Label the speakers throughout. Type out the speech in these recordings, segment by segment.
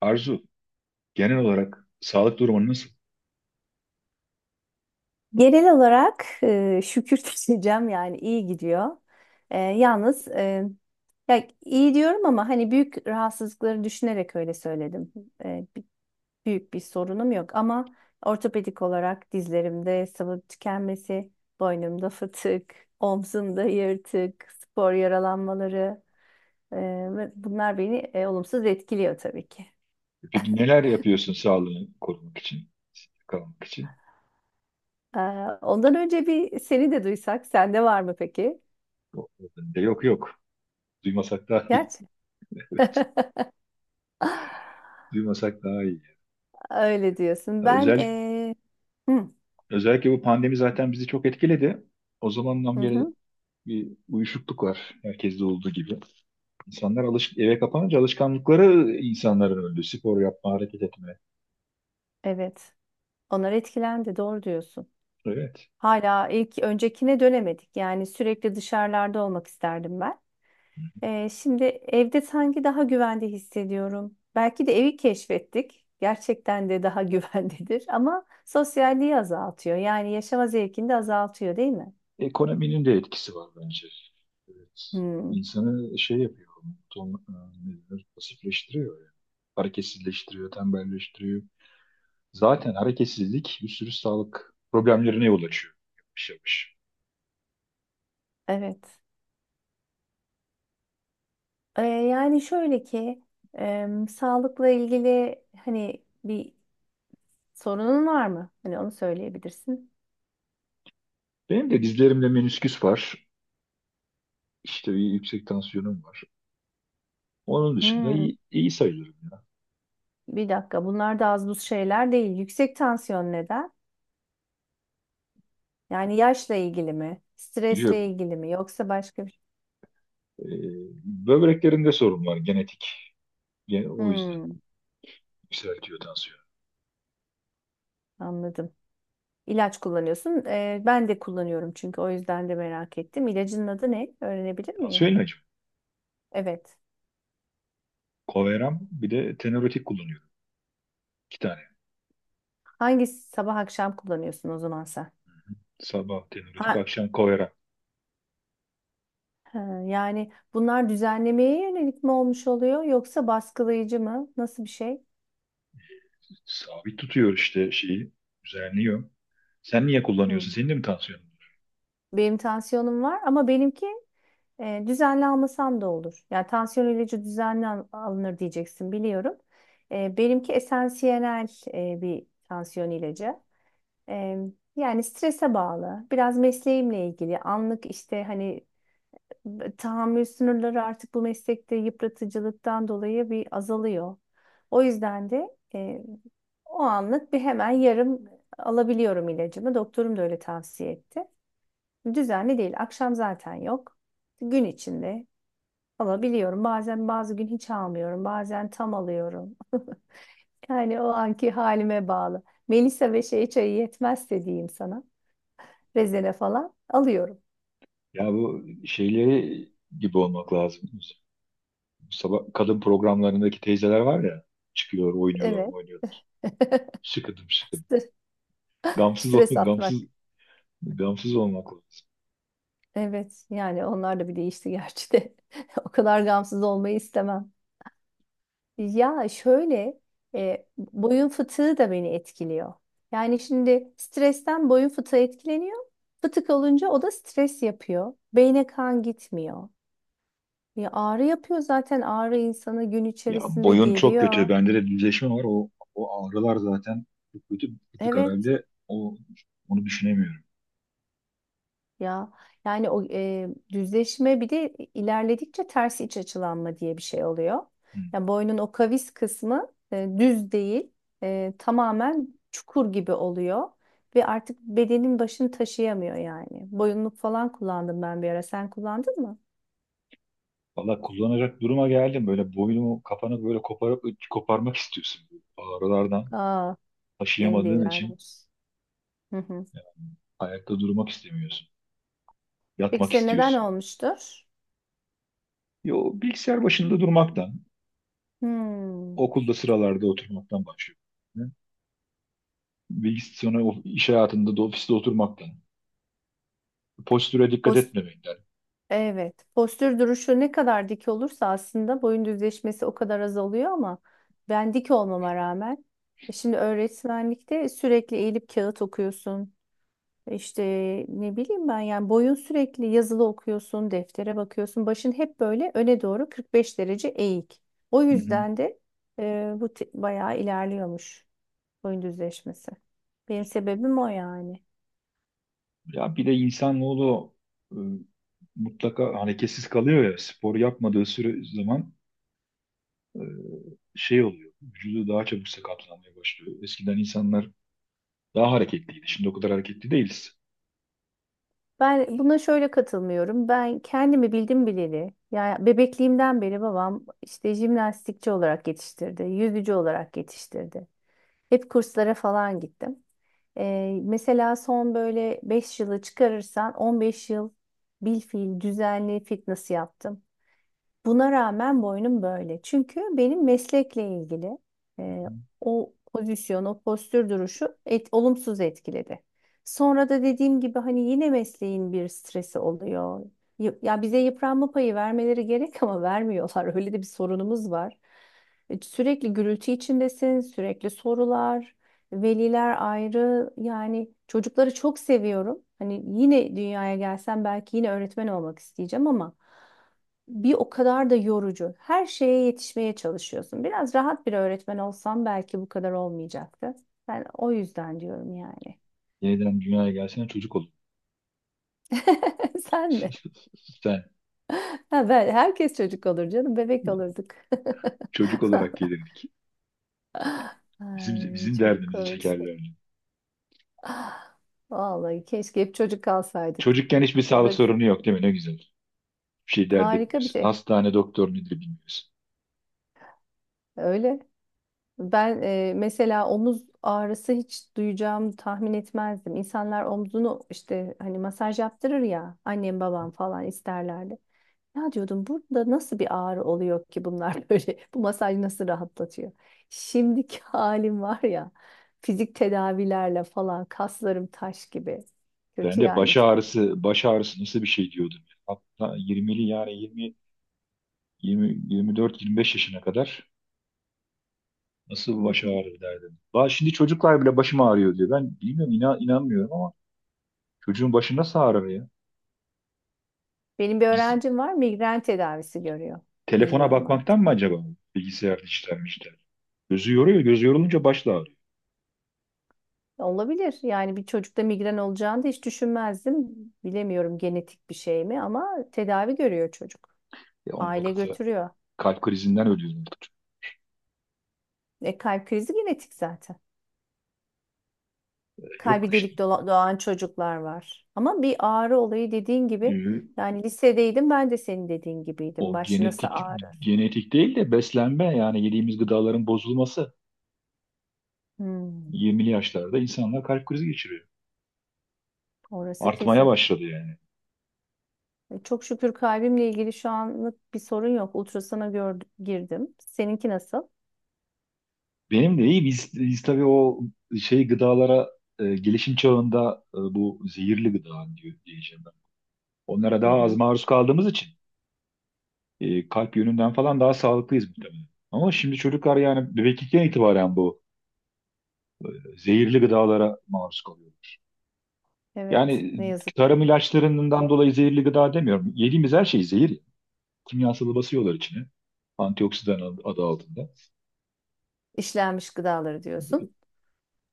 Speaker 1: Arzu, genel olarak sağlık durumun nasıl?
Speaker 2: Genel olarak şükür diyeceğim yani iyi gidiyor. E, yalnız e, ya iyi diyorum ama hani büyük rahatsızlıkları düşünerek öyle söyledim. E, bi- büyük bir sorunum yok ama ortopedik olarak dizlerimde sıvı tükenmesi, boynumda fıtık, omzumda yırtık, spor yaralanmaları e, ve bunlar beni olumsuz etkiliyor tabii ki.
Speaker 1: Peki neler yapıyorsun sağlığını korumak için, kalmak için?
Speaker 2: E, Ondan önce bir seni de duysak, sende var mı peki?
Speaker 1: Yok, yok. Yok. Duymasak daha iyi.
Speaker 2: Gerçi.
Speaker 1: Duymasak daha iyi.
Speaker 2: Öyle diyorsun. Ben
Speaker 1: Özel,
Speaker 2: hı,
Speaker 1: özellikle bu pandemi zaten bizi çok etkiledi. O zamandan
Speaker 2: hı
Speaker 1: beri
Speaker 2: hı,
Speaker 1: bir uyuşukluk var herkeste olduğu gibi. İnsanlar eve kapanınca alışkanlıkları insanların öldü. Spor yapma, hareket etme.
Speaker 2: evet. Onlar etkilendi. Doğru diyorsun.
Speaker 1: Evet.
Speaker 2: Hala ilk öncekine dönemedik. Yani sürekli dışarılarda olmak isterdim ben. Şimdi evde sanki daha güvende hissediyorum. Belki de evi keşfettik. Gerçekten de daha güvendedir. Ama sosyalliği azaltıyor. Yani yaşama zevkini de azaltıyor, değil mi?
Speaker 1: Ekonominin de etkisi var bence. Evet.
Speaker 2: Hmm,
Speaker 1: İnsanı şey yapıyor, ton, ne denir, pasifleştiriyor yani. Hareketsizleştiriyor, tembelleştiriyor. Zaten hareketsizlik bir sürü sağlık problemlerine yol açıyor. Yavaş yavaş.
Speaker 2: evet. Yani şöyle ki sağlıkla ilgili hani bir sorunun var mı? Hani onu söyleyebilirsin.
Speaker 1: Benim de dizlerimde menisküs var. İşte bir yüksek tansiyonum var. Onun dışında
Speaker 2: Hmm,
Speaker 1: iyi, iyi sayılırım ya.
Speaker 2: bir dakika. Bunlar da az buz şeyler değil. Yüksek tansiyon neden? Yani yaşla ilgili mi?
Speaker 1: Yok,
Speaker 2: Stresle ilgili mi? Yoksa başka bir şey?
Speaker 1: e, böbreklerimde sorun var genetik. O yüzden
Speaker 2: Hmm,
Speaker 1: yükseltiyor tansiyon.
Speaker 2: anladım. İlaç kullanıyorsun. Ben de kullanıyorum çünkü o yüzden de merak ettim. İlacın adı ne? Öğrenebilir miyim?
Speaker 1: Tansiyon ilacım.
Speaker 2: Evet.
Speaker 1: Coveram bir de tenorotik kullanıyorum. İki tane.
Speaker 2: Hangi sabah akşam kullanıyorsun o zaman sen?
Speaker 1: Sabah teoretik,
Speaker 2: Ha,
Speaker 1: akşam koyarak
Speaker 2: ha, yani bunlar düzenlemeye yönelik mi olmuş oluyor yoksa baskılayıcı mı? Nasıl bir şey?
Speaker 1: sabit tutuyor işte şeyi, düzenliyor. Sen niye
Speaker 2: Hı.
Speaker 1: kullanıyorsun? Senin de mi tansiyonun var?
Speaker 2: Benim tansiyonum var ama benimki düzenli almasam da olur. Yani tansiyon ilacı düzenli alınır diyeceksin biliyorum. Benimki esansiyel bir tansiyon ilacı. E, Yani strese bağlı, biraz mesleğimle ilgili, anlık işte hani tahammül sınırları artık bu meslekte yıpratıcılıktan dolayı bir azalıyor. O yüzden de o anlık bir hemen yarım alabiliyorum ilacımı. Doktorum da öyle tavsiye etti. Düzenli değil. Akşam zaten yok. Gün içinde alabiliyorum. Bazen bazı gün hiç almıyorum. Bazen tam alıyorum. Yani o anki halime bağlı. Melisa ve şey çayı yetmezse diyeyim sana. Rezene falan alıyorum.
Speaker 1: Ya bu şeyleri gibi olmak lazım. Sabah kadın programlarındaki teyzeler var ya, çıkıyor, oynuyorlar,
Speaker 2: Evet.
Speaker 1: oynuyorlar. Sıkıdım, sıkıdım.
Speaker 2: Stres
Speaker 1: Gamsız
Speaker 2: stres
Speaker 1: olmak,
Speaker 2: atmak.
Speaker 1: gamsız, gamsız olmak lazım.
Speaker 2: Evet. Yani onlar da bir değişti gerçi de. O kadar gamsız olmayı istemem. Ya şöyle boyun fıtığı da beni etkiliyor. Yani şimdi stresten boyun fıtığı etkileniyor. Fıtık olunca o da stres yapıyor. Beyne kan gitmiyor. Ya ağrı yapıyor zaten ağrı insanı gün
Speaker 1: Ya
Speaker 2: içerisinde
Speaker 1: boyun çok kötü.
Speaker 2: geriyor.
Speaker 1: Bende de düzleşme var. O, o ağrılar zaten çok kötü. Bıktık
Speaker 2: Evet.
Speaker 1: herhalde. O, onu düşünemiyorum.
Speaker 2: Ya yani o düzleşme bir de ilerledikçe ters iç açılanma diye bir şey oluyor.
Speaker 1: Hı.
Speaker 2: Yani boynun o kavis kısmı düz değil, tamamen çukur gibi oluyor ve artık bedenin başını taşıyamıyor yani. Boyunluk falan kullandım ben bir ara. Sen kullandın mı?
Speaker 1: Valla kullanacak duruma geldim. Böyle boynumu kapanıp böyle koparıp koparmak istiyorsun. Ağrılardan
Speaker 2: Aa, senin de
Speaker 1: taşıyamadığın için
Speaker 2: ilerlemiş. Hı hı.
Speaker 1: ayakta durmak istemiyorsun.
Speaker 2: Peki
Speaker 1: Yatmak
Speaker 2: senin neden
Speaker 1: istiyorsun.
Speaker 2: olmuştur?
Speaker 1: Yo, bilgisayar başında durmaktan,
Speaker 2: Hmm.
Speaker 1: okulda sıralarda oturmaktan başlıyor. Bilgisayar sonra iş hayatında da ofiste oturmaktan. Postüre dikkat etmemekten.
Speaker 2: Evet. Postür duruşu ne kadar dik olursa aslında boyun düzleşmesi o kadar azalıyor ama ben dik olmama rağmen e şimdi öğretmenlikte sürekli eğilip kağıt okuyorsun. İşte ne bileyim ben yani boyun sürekli yazılı okuyorsun, deftere bakıyorsun. Başın hep böyle öne doğru 45 derece eğik. O
Speaker 1: Hı hı.
Speaker 2: yüzden de bayağı ilerliyormuş boyun düzleşmesi. Benim sebebim o yani.
Speaker 1: Ya bir de insanoğlu e, mutlaka hareketsiz kalıyor ya spor yapmadığı süre zaman e, şey oluyor. Vücudu daha çabuk sakatlanmaya başlıyor. Eskiden insanlar daha hareketliydi. Şimdi o kadar hareketli değiliz.
Speaker 2: Ben buna şöyle katılmıyorum. Ben kendimi bildim bileli, yani bebekliğimden beri babam işte jimnastikçi olarak yetiştirdi, yüzücü olarak yetiştirdi. Hep kurslara falan gittim. Mesela son böyle 5 yılı çıkarırsan 15 yıl bilfiil düzenli fitness yaptım. Buna rağmen boynum böyle. Çünkü benim meslekle ilgili e,
Speaker 1: Hı.
Speaker 2: o pozisyon, o postür duruşu olumsuz etkiledi. Sonra da dediğim gibi hani yine mesleğin bir stresi oluyor. Ya bize yıpranma payı vermeleri gerek ama vermiyorlar. Öyle de bir sorunumuz var. Sürekli gürültü içindesin, sürekli sorular, veliler ayrı. Yani çocukları çok seviyorum. Hani yine dünyaya gelsem belki yine öğretmen olmak isteyeceğim ama bir o kadar da yorucu. Her şeye yetişmeye çalışıyorsun. Biraz rahat bir öğretmen olsam belki bu kadar olmayacaktı. Ben o yüzden diyorum yani.
Speaker 1: Yeniden dünyaya gelsen çocuk olun.
Speaker 2: Sen mi?
Speaker 1: Sen
Speaker 2: Ha, ben, herkes çocuk olur canım. Bebek olurduk.
Speaker 1: çocuk olarak gelirdik. Bizim
Speaker 2: Ay
Speaker 1: bizim
Speaker 2: çok
Speaker 1: derdimizi
Speaker 2: komiksin.
Speaker 1: çekerlerdi.
Speaker 2: Vallahi keşke hep çocuk kalsaydık.
Speaker 1: Çocukken hiçbir
Speaker 2: O
Speaker 1: sağlık
Speaker 2: da
Speaker 1: sorunu yok değil mi? Ne güzel. Bir şey dert
Speaker 2: harika bir
Speaker 1: etmiyorsun.
Speaker 2: şey.
Speaker 1: Hastane doktor nedir bilmiyorsun.
Speaker 2: Öyle. Ben mesela omuz ağrısı hiç duyacağımı tahmin etmezdim. İnsanlar omzunu işte hani masaj yaptırır ya annem babam falan isterlerdi. Ya diyordum burada nasıl bir ağrı oluyor ki bunlar böyle bu masaj nasıl rahatlatıyor? Şimdiki halim var ya fizik tedavilerle falan kaslarım taş gibi.
Speaker 1: Ben
Speaker 2: Kötü
Speaker 1: de
Speaker 2: yani
Speaker 1: baş
Speaker 2: durum.
Speaker 1: ağrısı, baş ağrısı nasıl bir şey diyordum. Hatta 20'li yani 20, 20, 24, 25 yaşına kadar nasıl baş ağrı derdim. Şimdi çocuklar bile başım ağrıyor diyor. Ben bilmiyorum inan, inanmıyorum ama çocuğun başı nasıl ağrır ya?
Speaker 2: Benim bir öğrencim var migren tedavisi görüyor.
Speaker 1: Telefona
Speaker 2: Bilmiyorum artık.
Speaker 1: bakmaktan mı acaba? Bilgisayar dijital dijital. Gözü yoruyor. Gözü yorulunca baş da ağrıyor.
Speaker 2: Olabilir. Yani bir çocukta migren olacağını da hiç düşünmezdim. Bilemiyorum genetik bir şey mi ama tedavi görüyor çocuk.
Speaker 1: Ya onu
Speaker 2: Aile
Speaker 1: bakınca
Speaker 2: götürüyor.
Speaker 1: kalp krizinden ölüyor artık.
Speaker 2: E kalp krizi genetik zaten.
Speaker 1: Yok
Speaker 2: Kalbi
Speaker 1: işte.
Speaker 2: doğan çocuklar var. Ama bir ağrı olayı dediğin gibi
Speaker 1: Ee,
Speaker 2: yani lisedeydim ben de senin dediğin gibiydim.
Speaker 1: o
Speaker 2: Baş nasıl
Speaker 1: genetik
Speaker 2: ağrır?
Speaker 1: değil de beslenme yani yediğimiz gıdaların bozulması
Speaker 2: Hmm,
Speaker 1: 20'li yaşlarda insanlar kalp krizi geçiriyor.
Speaker 2: orası
Speaker 1: Artmaya
Speaker 2: kesin.
Speaker 1: başladı yani.
Speaker 2: Çok şükür kalbimle ilgili şu anlık bir sorun yok. Ultrasana gördüm, girdim. Seninki nasıl?
Speaker 1: Benim de iyi biz tabii o şey gıdalara gelişim çağında bu zehirli gıda diyor, diyeceğim ben. Onlara
Speaker 2: Hı
Speaker 1: daha az
Speaker 2: hı.
Speaker 1: maruz kaldığımız için kalp yönünden falan daha sağlıklıyız muhtemelen. Ama şimdi çocuklar yani bebeklikten itibaren bu zehirli gıdalara maruz kalıyor.
Speaker 2: Evet,
Speaker 1: Yani
Speaker 2: ne yazık ki.
Speaker 1: tarım ilaçlarından dolayı zehirli gıda demiyorum. Yediğimiz her şey zehir. Kimyasalı basıyorlar içine. Antioksidan adı altında.
Speaker 2: İşlenmiş gıdaları diyorsun.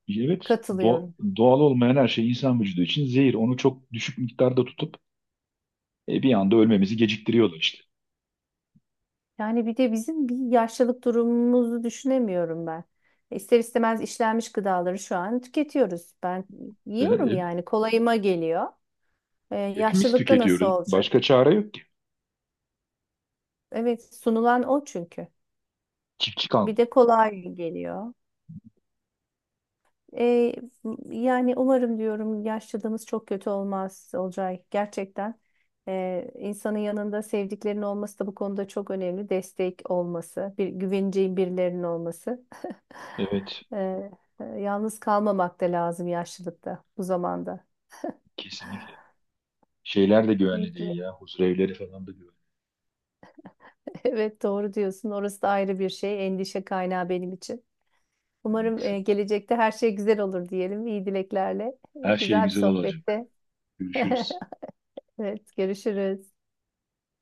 Speaker 1: Evet,
Speaker 2: Katılıyorum.
Speaker 1: doğal olmayan her şey insan vücudu için zehir. Onu çok düşük miktarda tutup bir anda ölmemizi geciktiriyorlar işte.
Speaker 2: Yani bir de bizim bir yaşlılık durumumuzu düşünemiyorum ben. İster istemez işlenmiş gıdaları şu an tüketiyoruz. Ben
Speaker 1: E,
Speaker 2: yiyorum
Speaker 1: e,
Speaker 2: yani kolayıma geliyor.
Speaker 1: hepimiz
Speaker 2: Yaşlılıkta nasıl
Speaker 1: tüketiyoruz. Başka
Speaker 2: olacak?
Speaker 1: çare yok ki.
Speaker 2: Evet sunulan o çünkü.
Speaker 1: Çiftçi kalmadı.
Speaker 2: Bir de kolay geliyor. Ee, Yani umarım diyorum yaşlılığımız çok kötü olmaz Olcay. Gerçekten insanın yanında sevdiklerinin olması da bu konuda çok önemli. Destek olması, bir güveneceğin birilerinin olması.
Speaker 1: Evet,
Speaker 2: Ee, Yalnız kalmamak da lazım yaşlılıkta bu zamanda.
Speaker 1: kesinlikle. Şeyler de güvenli
Speaker 2: Peki.
Speaker 1: değil ya. Huzurevleri falan da güvenli
Speaker 2: Evet doğru diyorsun. Orası da ayrı bir şey. Endişe kaynağı benim için. Umarım
Speaker 1: değil.
Speaker 2: gelecekte her şey güzel olur diyelim. İyi dileklerle.
Speaker 1: Her şey
Speaker 2: Güzel bir
Speaker 1: güzel olacak.
Speaker 2: sohbette.
Speaker 1: Görüşürüz.
Speaker 2: Evet görüşürüz.